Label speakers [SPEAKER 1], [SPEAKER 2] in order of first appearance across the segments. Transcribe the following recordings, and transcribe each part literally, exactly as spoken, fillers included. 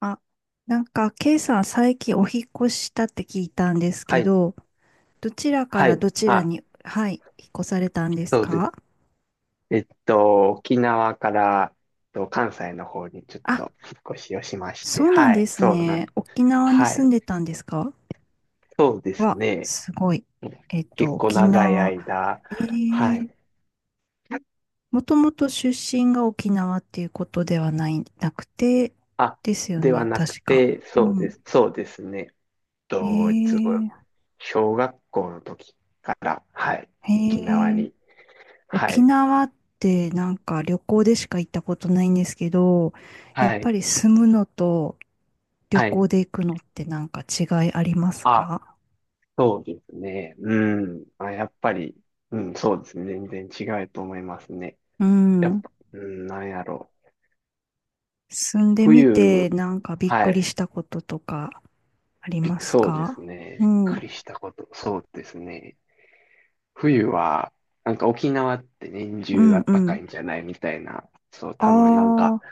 [SPEAKER 1] あ、なんか、ケイさん最近お引っ越ししたって聞いたんです
[SPEAKER 2] は
[SPEAKER 1] け
[SPEAKER 2] い、
[SPEAKER 1] ど、どちらか
[SPEAKER 2] は
[SPEAKER 1] ら
[SPEAKER 2] い。
[SPEAKER 1] どちら
[SPEAKER 2] あ、
[SPEAKER 1] に、はい、引っ越されたんです
[SPEAKER 2] そうで
[SPEAKER 1] か？
[SPEAKER 2] す。えっと、沖縄から、えっと、関西の方にちょっ
[SPEAKER 1] あ、
[SPEAKER 2] と引っ越しをしまして、
[SPEAKER 1] そうなん
[SPEAKER 2] は
[SPEAKER 1] で
[SPEAKER 2] い、
[SPEAKER 1] す
[SPEAKER 2] そうな
[SPEAKER 1] ね。
[SPEAKER 2] ん、
[SPEAKER 1] 沖縄に
[SPEAKER 2] はい、
[SPEAKER 1] 住んでたんですか？
[SPEAKER 2] そうです
[SPEAKER 1] わ、
[SPEAKER 2] ね。
[SPEAKER 1] すごい。えっと、
[SPEAKER 2] 結構
[SPEAKER 1] 沖
[SPEAKER 2] 長い
[SPEAKER 1] 縄。
[SPEAKER 2] 間、
[SPEAKER 1] え
[SPEAKER 2] は
[SPEAKER 1] ー、
[SPEAKER 2] い。
[SPEAKER 1] もともと出身が沖縄っていうことではない、なくて、
[SPEAKER 2] あ、
[SPEAKER 1] ですよ
[SPEAKER 2] では
[SPEAKER 1] ね、
[SPEAKER 2] なく
[SPEAKER 1] 確か。
[SPEAKER 2] て、
[SPEAKER 1] う
[SPEAKER 2] そう
[SPEAKER 1] ん。
[SPEAKER 2] です、そうですね。えっ
[SPEAKER 1] え
[SPEAKER 2] と、いつご、
[SPEAKER 1] ー、
[SPEAKER 2] 小学校の時から、はい、
[SPEAKER 1] え
[SPEAKER 2] 沖縄
[SPEAKER 1] ー
[SPEAKER 2] に、は
[SPEAKER 1] 沖
[SPEAKER 2] い、
[SPEAKER 1] 縄ってなんか旅行でしか行ったことないんですけど、やっ
[SPEAKER 2] は
[SPEAKER 1] ぱ
[SPEAKER 2] い、
[SPEAKER 1] り住むのと旅
[SPEAKER 2] はい。
[SPEAKER 1] 行で行くのってなんか違いあります
[SPEAKER 2] あ、
[SPEAKER 1] か？
[SPEAKER 2] そうですね。うん。あ、やっぱり、うん、そうですね。全然違うと思いますね。
[SPEAKER 1] う
[SPEAKER 2] やっ
[SPEAKER 1] ん。
[SPEAKER 2] ぱ、うん、なんやろう。
[SPEAKER 1] 住んでみて
[SPEAKER 2] 冬、
[SPEAKER 1] なんかびっ
[SPEAKER 2] は
[SPEAKER 1] くりし
[SPEAKER 2] い。
[SPEAKER 1] たこととかあり
[SPEAKER 2] びっ
[SPEAKER 1] ます
[SPEAKER 2] そうです
[SPEAKER 1] か？
[SPEAKER 2] ね。
[SPEAKER 1] う
[SPEAKER 2] びっ
[SPEAKER 1] ん。
[SPEAKER 2] く
[SPEAKER 1] う
[SPEAKER 2] りしたこと。そうですね。冬は、なんか沖縄って年中あ
[SPEAKER 1] ん
[SPEAKER 2] っ
[SPEAKER 1] う
[SPEAKER 2] たか
[SPEAKER 1] ん。
[SPEAKER 2] いんじゃないみたいな。そう、
[SPEAKER 1] あ
[SPEAKER 2] 多分なんか、
[SPEAKER 1] あ、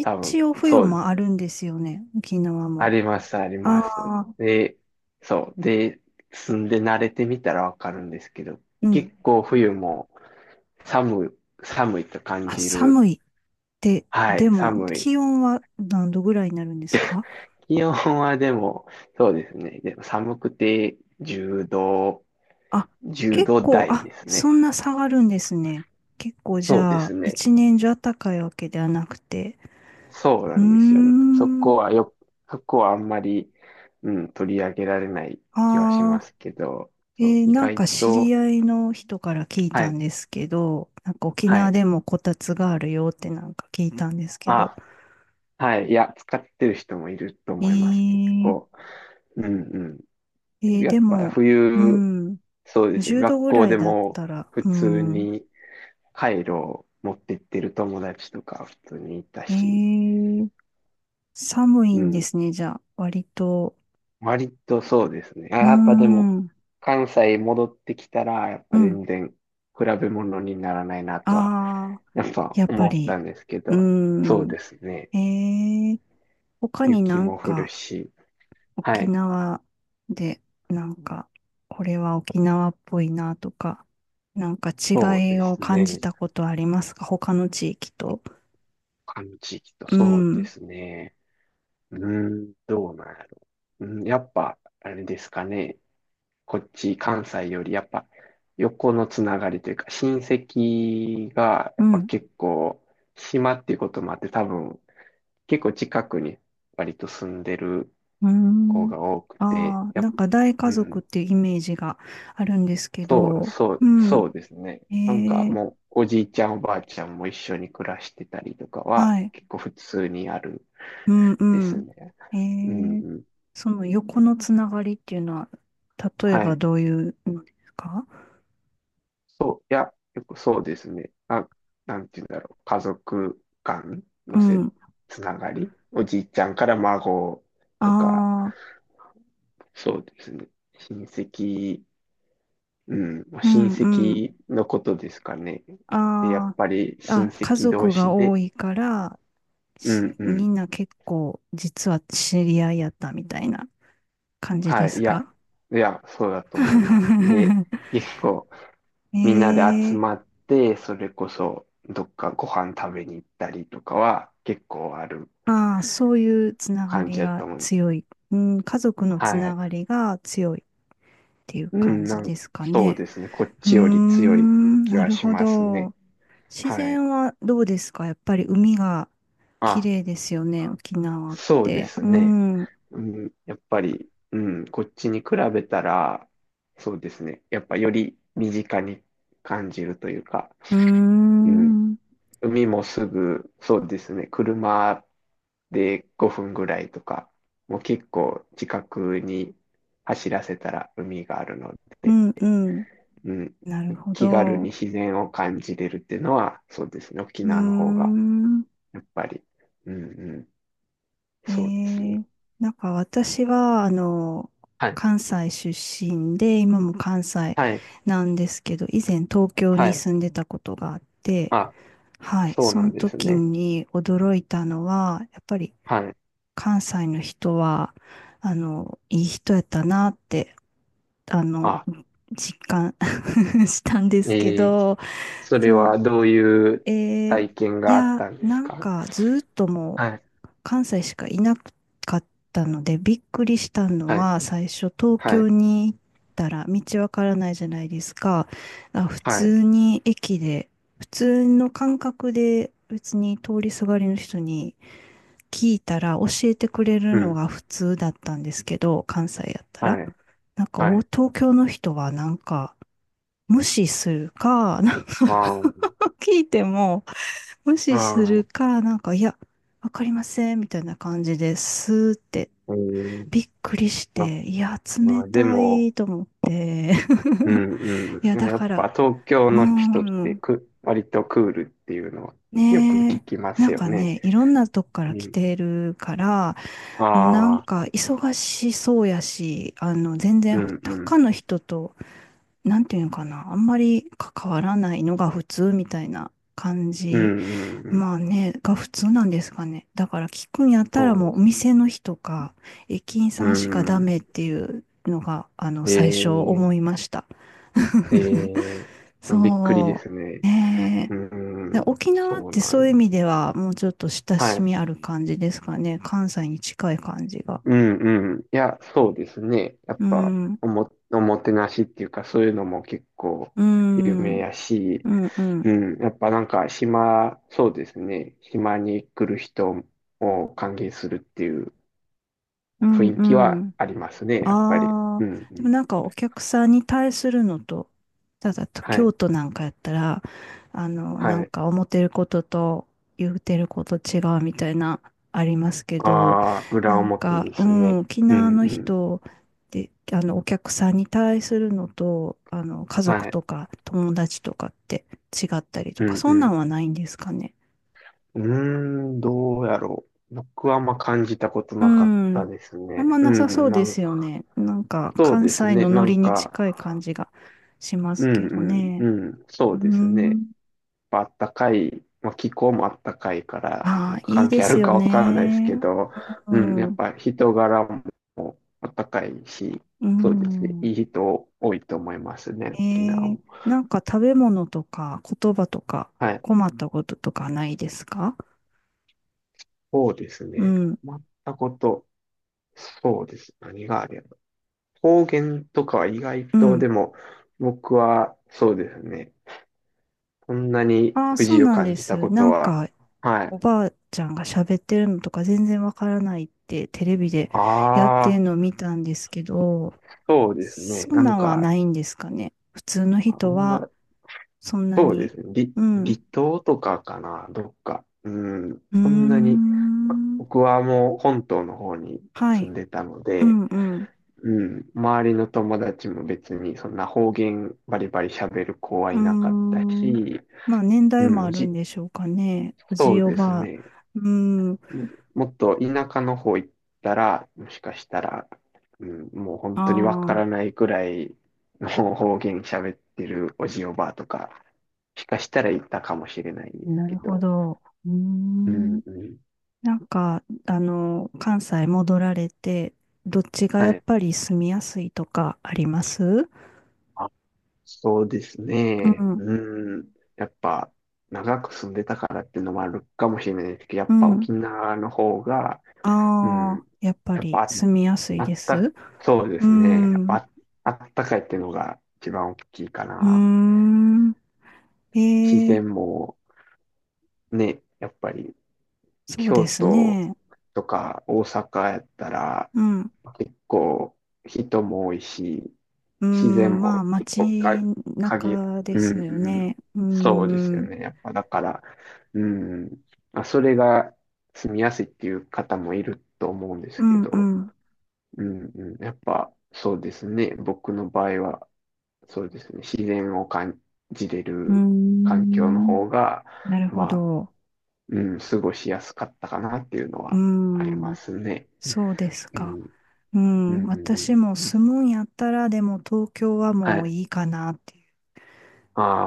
[SPEAKER 2] 多分、
[SPEAKER 1] 応冬
[SPEAKER 2] そうで
[SPEAKER 1] もあ
[SPEAKER 2] す。
[SPEAKER 1] るんですよね。沖縄
[SPEAKER 2] あ
[SPEAKER 1] も。
[SPEAKER 2] ります、ありま
[SPEAKER 1] あ
[SPEAKER 2] す。
[SPEAKER 1] あ、
[SPEAKER 2] で、そう。で、住んで慣れてみたらわかるんですけど、
[SPEAKER 1] うん。
[SPEAKER 2] 結構冬も、寒い、寒いと感
[SPEAKER 1] あ、
[SPEAKER 2] じる。
[SPEAKER 1] 寒いって、
[SPEAKER 2] は
[SPEAKER 1] で
[SPEAKER 2] い、
[SPEAKER 1] も
[SPEAKER 2] 寒い。
[SPEAKER 1] 気温は何度ぐらいになるんですか？
[SPEAKER 2] 気温はでも、そうですね。でも寒くてじゅうど、
[SPEAKER 1] あ、
[SPEAKER 2] 10
[SPEAKER 1] 結
[SPEAKER 2] 度
[SPEAKER 1] 構、
[SPEAKER 2] 台
[SPEAKER 1] あ、
[SPEAKER 2] です
[SPEAKER 1] そ
[SPEAKER 2] ね。
[SPEAKER 1] んな下がるんですね。結構じ
[SPEAKER 2] そうで
[SPEAKER 1] ゃあ、
[SPEAKER 2] すね。
[SPEAKER 1] 一年中暖かいわけではなくて。
[SPEAKER 2] そうな
[SPEAKER 1] うー
[SPEAKER 2] んですよね。そ
[SPEAKER 1] ん。
[SPEAKER 2] こはよ、そこはあんまり、うん、取り上げられない気はしま
[SPEAKER 1] ああ、
[SPEAKER 2] すけど、そう、
[SPEAKER 1] えー
[SPEAKER 2] 意
[SPEAKER 1] なん
[SPEAKER 2] 外
[SPEAKER 1] か知
[SPEAKER 2] と、
[SPEAKER 1] り合いの人から聞い
[SPEAKER 2] は
[SPEAKER 1] たん
[SPEAKER 2] い、
[SPEAKER 1] ですけど、なんか沖
[SPEAKER 2] は
[SPEAKER 1] 縄
[SPEAKER 2] い。
[SPEAKER 1] でもこたつがあるよってなんか聞いたんですけど。
[SPEAKER 2] あ、はい。いや、使ってる人もいると
[SPEAKER 1] え
[SPEAKER 2] 思います。結
[SPEAKER 1] ー、
[SPEAKER 2] 構。うんうん。
[SPEAKER 1] えー
[SPEAKER 2] やっ
[SPEAKER 1] で
[SPEAKER 2] ぱ
[SPEAKER 1] も、う
[SPEAKER 2] 冬、
[SPEAKER 1] ん、
[SPEAKER 2] そうですね。
[SPEAKER 1] じゅうど
[SPEAKER 2] 学
[SPEAKER 1] ぐ
[SPEAKER 2] 校
[SPEAKER 1] らい
[SPEAKER 2] で
[SPEAKER 1] だっ
[SPEAKER 2] も
[SPEAKER 1] たら、
[SPEAKER 2] 普
[SPEAKER 1] う
[SPEAKER 2] 通
[SPEAKER 1] ん、
[SPEAKER 2] にカイロを持ってってる友達とか普通にいた
[SPEAKER 1] え
[SPEAKER 2] し、
[SPEAKER 1] ー、寒い
[SPEAKER 2] う
[SPEAKER 1] んで
[SPEAKER 2] ん。
[SPEAKER 1] すね、じゃあ、割と。
[SPEAKER 2] 割とそうですね。あ、
[SPEAKER 1] うー
[SPEAKER 2] やっぱでも、
[SPEAKER 1] ん、
[SPEAKER 2] 関西戻ってきたら、やっ
[SPEAKER 1] う
[SPEAKER 2] ぱ
[SPEAKER 1] ん。
[SPEAKER 2] 全然比べ物にならないなとは、
[SPEAKER 1] あ
[SPEAKER 2] やっぱ
[SPEAKER 1] やっぱ
[SPEAKER 2] 思っ
[SPEAKER 1] り。
[SPEAKER 2] たんですけ
[SPEAKER 1] うー
[SPEAKER 2] ど、そう
[SPEAKER 1] ん。
[SPEAKER 2] ですね。
[SPEAKER 1] えー、他にな
[SPEAKER 2] 雪
[SPEAKER 1] ん
[SPEAKER 2] も降る
[SPEAKER 1] か
[SPEAKER 2] し、は
[SPEAKER 1] 沖
[SPEAKER 2] い。
[SPEAKER 1] 縄でなんかこれは沖縄っぽいなとか、なんか
[SPEAKER 2] そう
[SPEAKER 1] 違い
[SPEAKER 2] で
[SPEAKER 1] を
[SPEAKER 2] す
[SPEAKER 1] 感
[SPEAKER 2] ね。
[SPEAKER 1] じたことありますか、他の地域と？
[SPEAKER 2] 他の地域と
[SPEAKER 1] う
[SPEAKER 2] そうで
[SPEAKER 1] ん。
[SPEAKER 2] すね。うーん、どうなんやろ。うん、やっぱ、あれですかね。こっち、関西より、やっぱ、横のつながりというか、親戚が、や
[SPEAKER 1] う
[SPEAKER 2] っぱ
[SPEAKER 1] ん。
[SPEAKER 2] 結構、島っていうこともあって、多分、結構近くに、割と住んでる
[SPEAKER 1] う
[SPEAKER 2] 子
[SPEAKER 1] ん。
[SPEAKER 2] が多くて、
[SPEAKER 1] ああ、
[SPEAKER 2] や
[SPEAKER 1] な
[SPEAKER 2] っ、
[SPEAKER 1] んか大
[SPEAKER 2] う
[SPEAKER 1] 家
[SPEAKER 2] ん、
[SPEAKER 1] 族っていうイメージがあるんですけ
[SPEAKER 2] そう、
[SPEAKER 1] ど、
[SPEAKER 2] そう、
[SPEAKER 1] うん。
[SPEAKER 2] そうですね。
[SPEAKER 1] え
[SPEAKER 2] なんか
[SPEAKER 1] ー、
[SPEAKER 2] もう、おじいちゃん、おばあちゃんも一緒に暮らしてたりとかは、
[SPEAKER 1] はい。
[SPEAKER 2] 結構普通にある
[SPEAKER 1] うん
[SPEAKER 2] で
[SPEAKER 1] う
[SPEAKER 2] す
[SPEAKER 1] ん。
[SPEAKER 2] ね。うん、
[SPEAKER 1] えー
[SPEAKER 2] うん。
[SPEAKER 1] その横のつながりっていうのは、例え
[SPEAKER 2] は
[SPEAKER 1] ば
[SPEAKER 2] い。
[SPEAKER 1] どういうのですか？
[SPEAKER 2] そう、いや、よくそうですね。あ、なんて言うんだろう。家族間
[SPEAKER 1] う
[SPEAKER 2] のせ、
[SPEAKER 1] ん。
[SPEAKER 2] つながり。おじいちゃんから孫とか、
[SPEAKER 1] ああ、
[SPEAKER 2] そうですね。親戚、うん、まあ
[SPEAKER 1] う
[SPEAKER 2] 親
[SPEAKER 1] んうん。
[SPEAKER 2] 戚のことですかね。で、やっ
[SPEAKER 1] あ
[SPEAKER 2] ぱり
[SPEAKER 1] あ、
[SPEAKER 2] 親
[SPEAKER 1] あ、家
[SPEAKER 2] 戚同
[SPEAKER 1] 族が
[SPEAKER 2] 士で、
[SPEAKER 1] 多いから、
[SPEAKER 2] うん
[SPEAKER 1] し
[SPEAKER 2] う
[SPEAKER 1] み
[SPEAKER 2] ん。
[SPEAKER 1] んな結構実は知り合いやったみたいな感じで
[SPEAKER 2] はい、
[SPEAKER 1] す
[SPEAKER 2] いや、
[SPEAKER 1] か？
[SPEAKER 2] いや、そうだと思います。で、結構みんなで集
[SPEAKER 1] ええ
[SPEAKER 2] まって、それこそどっかご飯食べに行ったりとかは結構ある
[SPEAKER 1] ああ、そういうつなが
[SPEAKER 2] 感
[SPEAKER 1] り
[SPEAKER 2] じだと
[SPEAKER 1] が
[SPEAKER 2] 思う。
[SPEAKER 1] 強い。うん、家族のつ
[SPEAKER 2] は
[SPEAKER 1] な
[SPEAKER 2] い。
[SPEAKER 1] がりが強いっていう
[SPEAKER 2] う
[SPEAKER 1] 感
[SPEAKER 2] ん、
[SPEAKER 1] じ
[SPEAKER 2] なん、
[SPEAKER 1] ですか
[SPEAKER 2] そう
[SPEAKER 1] ね。
[SPEAKER 2] ですね。こっ
[SPEAKER 1] うー
[SPEAKER 2] ちより強い
[SPEAKER 1] ん、
[SPEAKER 2] 気
[SPEAKER 1] な
[SPEAKER 2] は
[SPEAKER 1] る
[SPEAKER 2] し
[SPEAKER 1] ほ
[SPEAKER 2] ますね。
[SPEAKER 1] ど。自
[SPEAKER 2] はい。
[SPEAKER 1] 然はどうですか？やっぱり海が綺
[SPEAKER 2] あ、
[SPEAKER 1] 麗ですよね、沖縄っ
[SPEAKER 2] そうで
[SPEAKER 1] て。
[SPEAKER 2] す
[SPEAKER 1] う
[SPEAKER 2] ね。
[SPEAKER 1] ん。う
[SPEAKER 2] うん、やっぱり、うん、こっちに比べたら、そうですね。やっぱより身近に感じるというか、
[SPEAKER 1] ー
[SPEAKER 2] うん、
[SPEAKER 1] ん。
[SPEAKER 2] 海もすぐ、そうですね。車でごふんぐらいとか、もう結構近くに走らせたら海があるの
[SPEAKER 1] う
[SPEAKER 2] で、
[SPEAKER 1] んうん。
[SPEAKER 2] うん、
[SPEAKER 1] なるほ
[SPEAKER 2] 気軽に
[SPEAKER 1] ど。
[SPEAKER 2] 自然を感じれるっていうのは、そうですね。沖
[SPEAKER 1] う
[SPEAKER 2] 縄の方
[SPEAKER 1] ー
[SPEAKER 2] が、
[SPEAKER 1] ん。
[SPEAKER 2] やっぱり。うんうん。
[SPEAKER 1] え
[SPEAKER 2] そうですね。
[SPEAKER 1] ー、なんか私は、あの、
[SPEAKER 2] はい。
[SPEAKER 1] 関西出身で、今も関西
[SPEAKER 2] はい。
[SPEAKER 1] なんですけど、以前東京
[SPEAKER 2] は
[SPEAKER 1] に
[SPEAKER 2] い。
[SPEAKER 1] 住んでたことがあって、
[SPEAKER 2] あ、
[SPEAKER 1] はい、
[SPEAKER 2] そう
[SPEAKER 1] そ
[SPEAKER 2] な
[SPEAKER 1] の
[SPEAKER 2] んです
[SPEAKER 1] 時
[SPEAKER 2] ね。
[SPEAKER 1] に驚いたのは、やっぱり
[SPEAKER 2] はい。
[SPEAKER 1] 関西の人は、あの、いい人やったなって、あの、
[SPEAKER 2] あ、
[SPEAKER 1] 実感 したんですけ
[SPEAKER 2] えー、
[SPEAKER 1] ど、
[SPEAKER 2] それ
[SPEAKER 1] そう、
[SPEAKER 2] はどういう
[SPEAKER 1] えー
[SPEAKER 2] 体験
[SPEAKER 1] い
[SPEAKER 2] があっ
[SPEAKER 1] や、
[SPEAKER 2] たんで
[SPEAKER 1] な
[SPEAKER 2] す
[SPEAKER 1] ん
[SPEAKER 2] か？
[SPEAKER 1] かずーっとも
[SPEAKER 2] はい。
[SPEAKER 1] う関西しかいなかったので、びっくりしたの
[SPEAKER 2] はい。
[SPEAKER 1] は、最初東
[SPEAKER 2] はい。
[SPEAKER 1] 京に行ったら道わからないじゃないですか。あ、普
[SPEAKER 2] はい。
[SPEAKER 1] 通に駅で、普通の感覚で別に通りすがりの人に聞いたら教えてくれる
[SPEAKER 2] う
[SPEAKER 1] の
[SPEAKER 2] ん。
[SPEAKER 1] が普通だったんですけど、関西やったら。
[SPEAKER 2] はい。
[SPEAKER 1] なんか、
[SPEAKER 2] は
[SPEAKER 1] お
[SPEAKER 2] い。
[SPEAKER 1] 東京の人はなんか、無視するか、なんか
[SPEAKER 2] あー
[SPEAKER 1] 聞いても、無
[SPEAKER 2] あ
[SPEAKER 1] 視する
[SPEAKER 2] ー、
[SPEAKER 1] か、なんか、いや、わかりません、みたいな感じですって、
[SPEAKER 2] うん。
[SPEAKER 1] びっくりし
[SPEAKER 2] あ、
[SPEAKER 1] て、いや、
[SPEAKER 2] ま
[SPEAKER 1] 冷
[SPEAKER 2] あーで
[SPEAKER 1] た
[SPEAKER 2] も、
[SPEAKER 1] いと思って。
[SPEAKER 2] う ん
[SPEAKER 1] いや、
[SPEAKER 2] うん。
[SPEAKER 1] だ
[SPEAKER 2] やっ
[SPEAKER 1] か
[SPEAKER 2] ぱ
[SPEAKER 1] ら、
[SPEAKER 2] 東京
[SPEAKER 1] うー
[SPEAKER 2] の人って
[SPEAKER 1] ん、
[SPEAKER 2] く、割とクールっていうのはよく
[SPEAKER 1] ね
[SPEAKER 2] 聞
[SPEAKER 1] え、
[SPEAKER 2] きま
[SPEAKER 1] な
[SPEAKER 2] す
[SPEAKER 1] ん
[SPEAKER 2] よ
[SPEAKER 1] か
[SPEAKER 2] ね。
[SPEAKER 1] ね、いろんなとこか
[SPEAKER 2] う
[SPEAKER 1] ら来
[SPEAKER 2] ん。
[SPEAKER 1] てるから、もうなん
[SPEAKER 2] あ
[SPEAKER 1] か
[SPEAKER 2] あ、
[SPEAKER 1] 忙しそうやし、あの、全
[SPEAKER 2] う
[SPEAKER 1] 然
[SPEAKER 2] んうん。
[SPEAKER 1] 他の人と、なんていうのかな、あんまり関わらないのが普通みたいな感
[SPEAKER 2] うん
[SPEAKER 1] じ。
[SPEAKER 2] うんうん。
[SPEAKER 1] まあね、が普通なんですかね。だから聞くんやったら
[SPEAKER 2] そう
[SPEAKER 1] も
[SPEAKER 2] で
[SPEAKER 1] うお
[SPEAKER 2] す。
[SPEAKER 1] 店の人か、駅員
[SPEAKER 2] う
[SPEAKER 1] さんしかダ
[SPEAKER 2] ん。
[SPEAKER 1] メっていうのが、あの、最初
[SPEAKER 2] え
[SPEAKER 1] 思
[SPEAKER 2] え
[SPEAKER 1] いました。
[SPEAKER 2] え えびっくりで
[SPEAKER 1] そ
[SPEAKER 2] す
[SPEAKER 1] う。
[SPEAKER 2] ね。
[SPEAKER 1] ね
[SPEAKER 2] う
[SPEAKER 1] えで
[SPEAKER 2] ん。
[SPEAKER 1] 沖縄っ
[SPEAKER 2] そう
[SPEAKER 1] て
[SPEAKER 2] な
[SPEAKER 1] そ
[SPEAKER 2] ん
[SPEAKER 1] ういう意
[SPEAKER 2] や。
[SPEAKER 1] 味ではもうちょっと親
[SPEAKER 2] は
[SPEAKER 1] し
[SPEAKER 2] い。
[SPEAKER 1] みある感じですかね。関西に近い感じが。
[SPEAKER 2] うんうん。いや、そうですね。やっ
[SPEAKER 1] う
[SPEAKER 2] ぱ、
[SPEAKER 1] ん、
[SPEAKER 2] おも、おもてなしっていうか、そういうのも結構
[SPEAKER 1] う
[SPEAKER 2] 有
[SPEAKER 1] ん、う
[SPEAKER 2] 名やし、
[SPEAKER 1] ん、うん、
[SPEAKER 2] うん。やっぱなんか、島、そうですね。島に来る人を歓迎するっていう
[SPEAKER 1] う
[SPEAKER 2] 雰
[SPEAKER 1] ん、
[SPEAKER 2] 囲
[SPEAKER 1] う
[SPEAKER 2] 気は
[SPEAKER 1] ん。
[SPEAKER 2] ありますね、やっぱり。
[SPEAKER 1] あ
[SPEAKER 2] うん
[SPEAKER 1] あ、
[SPEAKER 2] う
[SPEAKER 1] で
[SPEAKER 2] ん。
[SPEAKER 1] もなんかお客さんに対するのと、ただと
[SPEAKER 2] はい。
[SPEAKER 1] 京都なんかやったら、あの、な
[SPEAKER 2] は
[SPEAKER 1] ん
[SPEAKER 2] い。
[SPEAKER 1] か思ってることと言うてること違うみたいな、ありますけど、
[SPEAKER 2] ああ、裏
[SPEAKER 1] なん
[SPEAKER 2] 表
[SPEAKER 1] か、
[SPEAKER 2] で
[SPEAKER 1] う
[SPEAKER 2] すね。
[SPEAKER 1] ん、沖
[SPEAKER 2] う
[SPEAKER 1] 縄
[SPEAKER 2] ん
[SPEAKER 1] の
[SPEAKER 2] うん。
[SPEAKER 1] 人で、あの、お客さんに対するのと、あの、家族
[SPEAKER 2] はい。
[SPEAKER 1] とか友達とかって違ったりと
[SPEAKER 2] う
[SPEAKER 1] か、
[SPEAKER 2] んう
[SPEAKER 1] そんな
[SPEAKER 2] ん。
[SPEAKER 1] んはないんですかね。
[SPEAKER 2] うーん、どうやろう。僕はあんま感じたこと
[SPEAKER 1] う
[SPEAKER 2] なかった
[SPEAKER 1] ん。
[SPEAKER 2] です
[SPEAKER 1] あん
[SPEAKER 2] ね。
[SPEAKER 1] ま
[SPEAKER 2] う
[SPEAKER 1] なさそ
[SPEAKER 2] ん、
[SPEAKER 1] う
[SPEAKER 2] な
[SPEAKER 1] で
[SPEAKER 2] ん
[SPEAKER 1] すよね。なんか、
[SPEAKER 2] そう
[SPEAKER 1] 関
[SPEAKER 2] です
[SPEAKER 1] 西
[SPEAKER 2] ね。
[SPEAKER 1] の
[SPEAKER 2] な
[SPEAKER 1] ノ
[SPEAKER 2] ん
[SPEAKER 1] リに近い
[SPEAKER 2] か、
[SPEAKER 1] 感じがしま
[SPEAKER 2] う
[SPEAKER 1] すけど
[SPEAKER 2] ん
[SPEAKER 1] ね。
[SPEAKER 2] うんうん、そ
[SPEAKER 1] う
[SPEAKER 2] うですね。
[SPEAKER 1] ん。
[SPEAKER 2] まあったかい、まあ、気候もあったかいから、
[SPEAKER 1] ああ、いい
[SPEAKER 2] 関
[SPEAKER 1] で
[SPEAKER 2] 係あ
[SPEAKER 1] す
[SPEAKER 2] る
[SPEAKER 1] よ
[SPEAKER 2] かわかんないです
[SPEAKER 1] ね。
[SPEAKER 2] けど、
[SPEAKER 1] う
[SPEAKER 2] うん、やっ
[SPEAKER 1] ん。
[SPEAKER 2] ぱ人柄もあったかいし、
[SPEAKER 1] う
[SPEAKER 2] そうですね。い
[SPEAKER 1] ん。
[SPEAKER 2] い人多いと思いますね、
[SPEAKER 1] え
[SPEAKER 2] 沖縄
[SPEAKER 1] ー、
[SPEAKER 2] も。
[SPEAKER 1] なんか食べ物とか言葉とか
[SPEAKER 2] はい。
[SPEAKER 1] 困ったこととかないですか？
[SPEAKER 2] そうです
[SPEAKER 1] う
[SPEAKER 2] ね。
[SPEAKER 1] ん。
[SPEAKER 2] 困ったこと、そうです。何があれば。方言とかは意外
[SPEAKER 1] う
[SPEAKER 2] と、
[SPEAKER 1] ん。
[SPEAKER 2] でも、僕は、そうですね。そんなに
[SPEAKER 1] ああ、
[SPEAKER 2] 不
[SPEAKER 1] そ
[SPEAKER 2] 自
[SPEAKER 1] う
[SPEAKER 2] 由
[SPEAKER 1] なん
[SPEAKER 2] 感
[SPEAKER 1] で
[SPEAKER 2] じた
[SPEAKER 1] す。
[SPEAKER 2] こ
[SPEAKER 1] な
[SPEAKER 2] と
[SPEAKER 1] ん
[SPEAKER 2] は、
[SPEAKER 1] か、
[SPEAKER 2] は
[SPEAKER 1] お
[SPEAKER 2] い。
[SPEAKER 1] ばあちゃんが喋ってるのとか全然わからないってテレビでやって
[SPEAKER 2] あ
[SPEAKER 1] るのを
[SPEAKER 2] あ、
[SPEAKER 1] 見たんですけど、
[SPEAKER 2] そうですね。
[SPEAKER 1] そ
[SPEAKER 2] な
[SPEAKER 1] ん
[SPEAKER 2] ん
[SPEAKER 1] なんは
[SPEAKER 2] か、
[SPEAKER 1] ないんですかね。普通の
[SPEAKER 2] あん
[SPEAKER 1] 人は、
[SPEAKER 2] ま、
[SPEAKER 1] そんな
[SPEAKER 2] そうで
[SPEAKER 1] に。
[SPEAKER 2] すね。り
[SPEAKER 1] うん。
[SPEAKER 2] 離島とかかな、どっか。うん、
[SPEAKER 1] うー
[SPEAKER 2] そんなに、ま
[SPEAKER 1] ん。
[SPEAKER 2] 僕はもう本島の方に
[SPEAKER 1] は
[SPEAKER 2] 住
[SPEAKER 1] い。
[SPEAKER 2] んでたの
[SPEAKER 1] う
[SPEAKER 2] で、
[SPEAKER 1] んうん。
[SPEAKER 2] うん、周りの友達も別にそんな方言バリバリ喋る子は
[SPEAKER 1] う
[SPEAKER 2] い
[SPEAKER 1] ー
[SPEAKER 2] なかった
[SPEAKER 1] ん。
[SPEAKER 2] し、
[SPEAKER 1] まあ、年
[SPEAKER 2] う
[SPEAKER 1] 代
[SPEAKER 2] ん、
[SPEAKER 1] も
[SPEAKER 2] も
[SPEAKER 1] あ
[SPEAKER 2] う
[SPEAKER 1] るん
[SPEAKER 2] じ、
[SPEAKER 1] でしょうかね。おじ
[SPEAKER 2] そ
[SPEAKER 1] い
[SPEAKER 2] う
[SPEAKER 1] お
[SPEAKER 2] です
[SPEAKER 1] ばあ。
[SPEAKER 2] ね。
[SPEAKER 1] うーん。
[SPEAKER 2] ももっと田舎の方行ったら、もしかしたら、うん、もう本当にわか
[SPEAKER 1] あ
[SPEAKER 2] ら
[SPEAKER 1] あ、
[SPEAKER 2] ないくらいの方言喋ってるおじおばあとか、もしかしたらいたかもしれないんです
[SPEAKER 1] な
[SPEAKER 2] け
[SPEAKER 1] るほ
[SPEAKER 2] ど。
[SPEAKER 1] ど。うー
[SPEAKER 2] う
[SPEAKER 1] ん。
[SPEAKER 2] んうん。
[SPEAKER 1] なんか、あの、関西戻られて、どっちが
[SPEAKER 2] は
[SPEAKER 1] やっ
[SPEAKER 2] い。
[SPEAKER 1] ぱり住みやすいとかあります？
[SPEAKER 2] あ、そうです
[SPEAKER 1] う
[SPEAKER 2] ね。
[SPEAKER 1] ん。
[SPEAKER 2] うん。やっぱ、長く住んでたからっていうのもあるかもしれないですけど、や
[SPEAKER 1] う
[SPEAKER 2] っぱ
[SPEAKER 1] ん。
[SPEAKER 2] 沖縄の方が、う
[SPEAKER 1] ああ、
[SPEAKER 2] ん。
[SPEAKER 1] やっぱ
[SPEAKER 2] やっ
[SPEAKER 1] り
[SPEAKER 2] ぱ
[SPEAKER 1] 住みやすい
[SPEAKER 2] あ、あっ
[SPEAKER 1] です。
[SPEAKER 2] た、そうで
[SPEAKER 1] うー
[SPEAKER 2] すね。やっぱ
[SPEAKER 1] ん、う
[SPEAKER 2] あ、あったかいっていうのが一番大きいか
[SPEAKER 1] ー
[SPEAKER 2] な。
[SPEAKER 1] ん。
[SPEAKER 2] 自
[SPEAKER 1] ええ、
[SPEAKER 2] 然もね、やっぱり
[SPEAKER 1] そう
[SPEAKER 2] 京
[SPEAKER 1] です
[SPEAKER 2] 都
[SPEAKER 1] ね。
[SPEAKER 2] とか大阪やったら
[SPEAKER 1] うん、う
[SPEAKER 2] 結構人も多いし、
[SPEAKER 1] ー
[SPEAKER 2] 自然
[SPEAKER 1] ん、ま
[SPEAKER 2] も
[SPEAKER 1] あ、
[SPEAKER 2] 結
[SPEAKER 1] 街
[SPEAKER 2] 構か、限
[SPEAKER 1] 中で
[SPEAKER 2] うん
[SPEAKER 1] すよ
[SPEAKER 2] うん。
[SPEAKER 1] ね。う
[SPEAKER 2] そうで
[SPEAKER 1] ん、
[SPEAKER 2] すよ
[SPEAKER 1] うん、
[SPEAKER 2] ね。やっぱだから、うん。まあ、それが住みやすいっていう方もいると思うんで
[SPEAKER 1] う
[SPEAKER 2] すけ
[SPEAKER 1] ん、う
[SPEAKER 2] ど、
[SPEAKER 1] ん、
[SPEAKER 2] うんうん。やっぱそうですね。僕の場合は、そうですね。自然を感じれ
[SPEAKER 1] うー
[SPEAKER 2] る環境の
[SPEAKER 1] ん
[SPEAKER 2] 方が、
[SPEAKER 1] なるほ
[SPEAKER 2] まあ、
[SPEAKER 1] ど。
[SPEAKER 2] うん、過ごしやすかったかなっていうの
[SPEAKER 1] う
[SPEAKER 2] はあり
[SPEAKER 1] ー
[SPEAKER 2] ま
[SPEAKER 1] ん、
[SPEAKER 2] すね。
[SPEAKER 1] そうです
[SPEAKER 2] う
[SPEAKER 1] か。
[SPEAKER 2] ん、
[SPEAKER 1] う
[SPEAKER 2] う
[SPEAKER 1] ん、私
[SPEAKER 2] ん、
[SPEAKER 1] も住むんやったら、でも東京は
[SPEAKER 2] は
[SPEAKER 1] もう
[SPEAKER 2] い。
[SPEAKER 1] いいかなっていう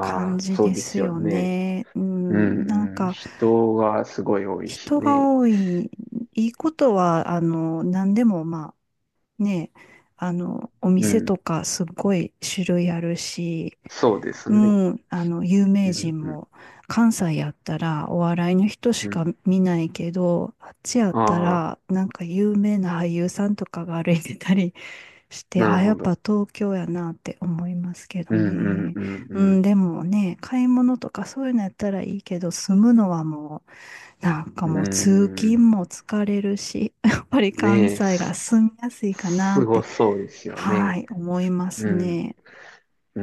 [SPEAKER 1] 感
[SPEAKER 2] あ、
[SPEAKER 1] じ
[SPEAKER 2] そ
[SPEAKER 1] で
[SPEAKER 2] うで
[SPEAKER 1] す
[SPEAKER 2] すよ
[SPEAKER 1] よ
[SPEAKER 2] ね。
[SPEAKER 1] ね。う
[SPEAKER 2] う
[SPEAKER 1] ん、なん
[SPEAKER 2] ん、うん、
[SPEAKER 1] か、
[SPEAKER 2] 人がすごい多いし
[SPEAKER 1] 人が
[SPEAKER 2] ね。
[SPEAKER 1] 多い、いいことは、あの、何でも、まあ、ね、あの、お
[SPEAKER 2] う
[SPEAKER 1] 店と
[SPEAKER 2] ん、
[SPEAKER 1] かすっごい種類あるし、
[SPEAKER 2] そうです
[SPEAKER 1] う
[SPEAKER 2] ね。
[SPEAKER 1] ん、あの、有
[SPEAKER 2] う
[SPEAKER 1] 名
[SPEAKER 2] ん、
[SPEAKER 1] 人
[SPEAKER 2] うん、
[SPEAKER 1] も、関西やったらお笑いの人し
[SPEAKER 2] うん。
[SPEAKER 1] か見ないけど、あっちやった
[SPEAKER 2] ああ、
[SPEAKER 1] ら、なんか有名な俳優さんとかが歩いてたり して、
[SPEAKER 2] なる
[SPEAKER 1] あ、やっ
[SPEAKER 2] ほ
[SPEAKER 1] ぱ
[SPEAKER 2] ど。
[SPEAKER 1] 東京やなって思いますけど
[SPEAKER 2] うん、うん、
[SPEAKER 1] ね。う
[SPEAKER 2] うん、
[SPEAKER 1] ん、でもね、買い物とかそういうのやったらいいけど、住むのはもう、なんか
[SPEAKER 2] うん。
[SPEAKER 1] もう通勤
[SPEAKER 2] うん、
[SPEAKER 1] も疲れるし、やっぱり関
[SPEAKER 2] ねえ、
[SPEAKER 1] 西が
[SPEAKER 2] す、
[SPEAKER 1] 住みやすいかな
[SPEAKER 2] す
[SPEAKER 1] っ
[SPEAKER 2] ご
[SPEAKER 1] て、
[SPEAKER 2] そうですよ
[SPEAKER 1] は
[SPEAKER 2] ね。
[SPEAKER 1] い、思います
[SPEAKER 2] うん、
[SPEAKER 1] ね。
[SPEAKER 2] うん、う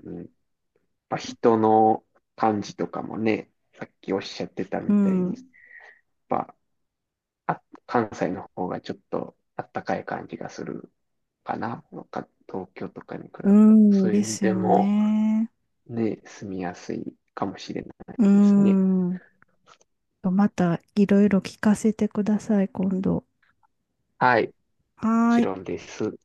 [SPEAKER 2] ん、うん。やっぱ人の感じとかもね、さっきおっしゃってた
[SPEAKER 1] う
[SPEAKER 2] みたいに、
[SPEAKER 1] ん。
[SPEAKER 2] やっぱあ、関西の方がちょっとあったかい感じがするかな。か東京とかに比べ
[SPEAKER 1] う
[SPEAKER 2] て。そ
[SPEAKER 1] ん、
[SPEAKER 2] ういう
[SPEAKER 1] で
[SPEAKER 2] 意味
[SPEAKER 1] す
[SPEAKER 2] で
[SPEAKER 1] よ
[SPEAKER 2] も、
[SPEAKER 1] ね。
[SPEAKER 2] ね、住みやすいかもしれない
[SPEAKER 1] う
[SPEAKER 2] ですね。
[SPEAKER 1] ん。またいろいろ聞かせてください、今度。
[SPEAKER 2] はい、も
[SPEAKER 1] は
[SPEAKER 2] ち
[SPEAKER 1] ーい。
[SPEAKER 2] ろんです。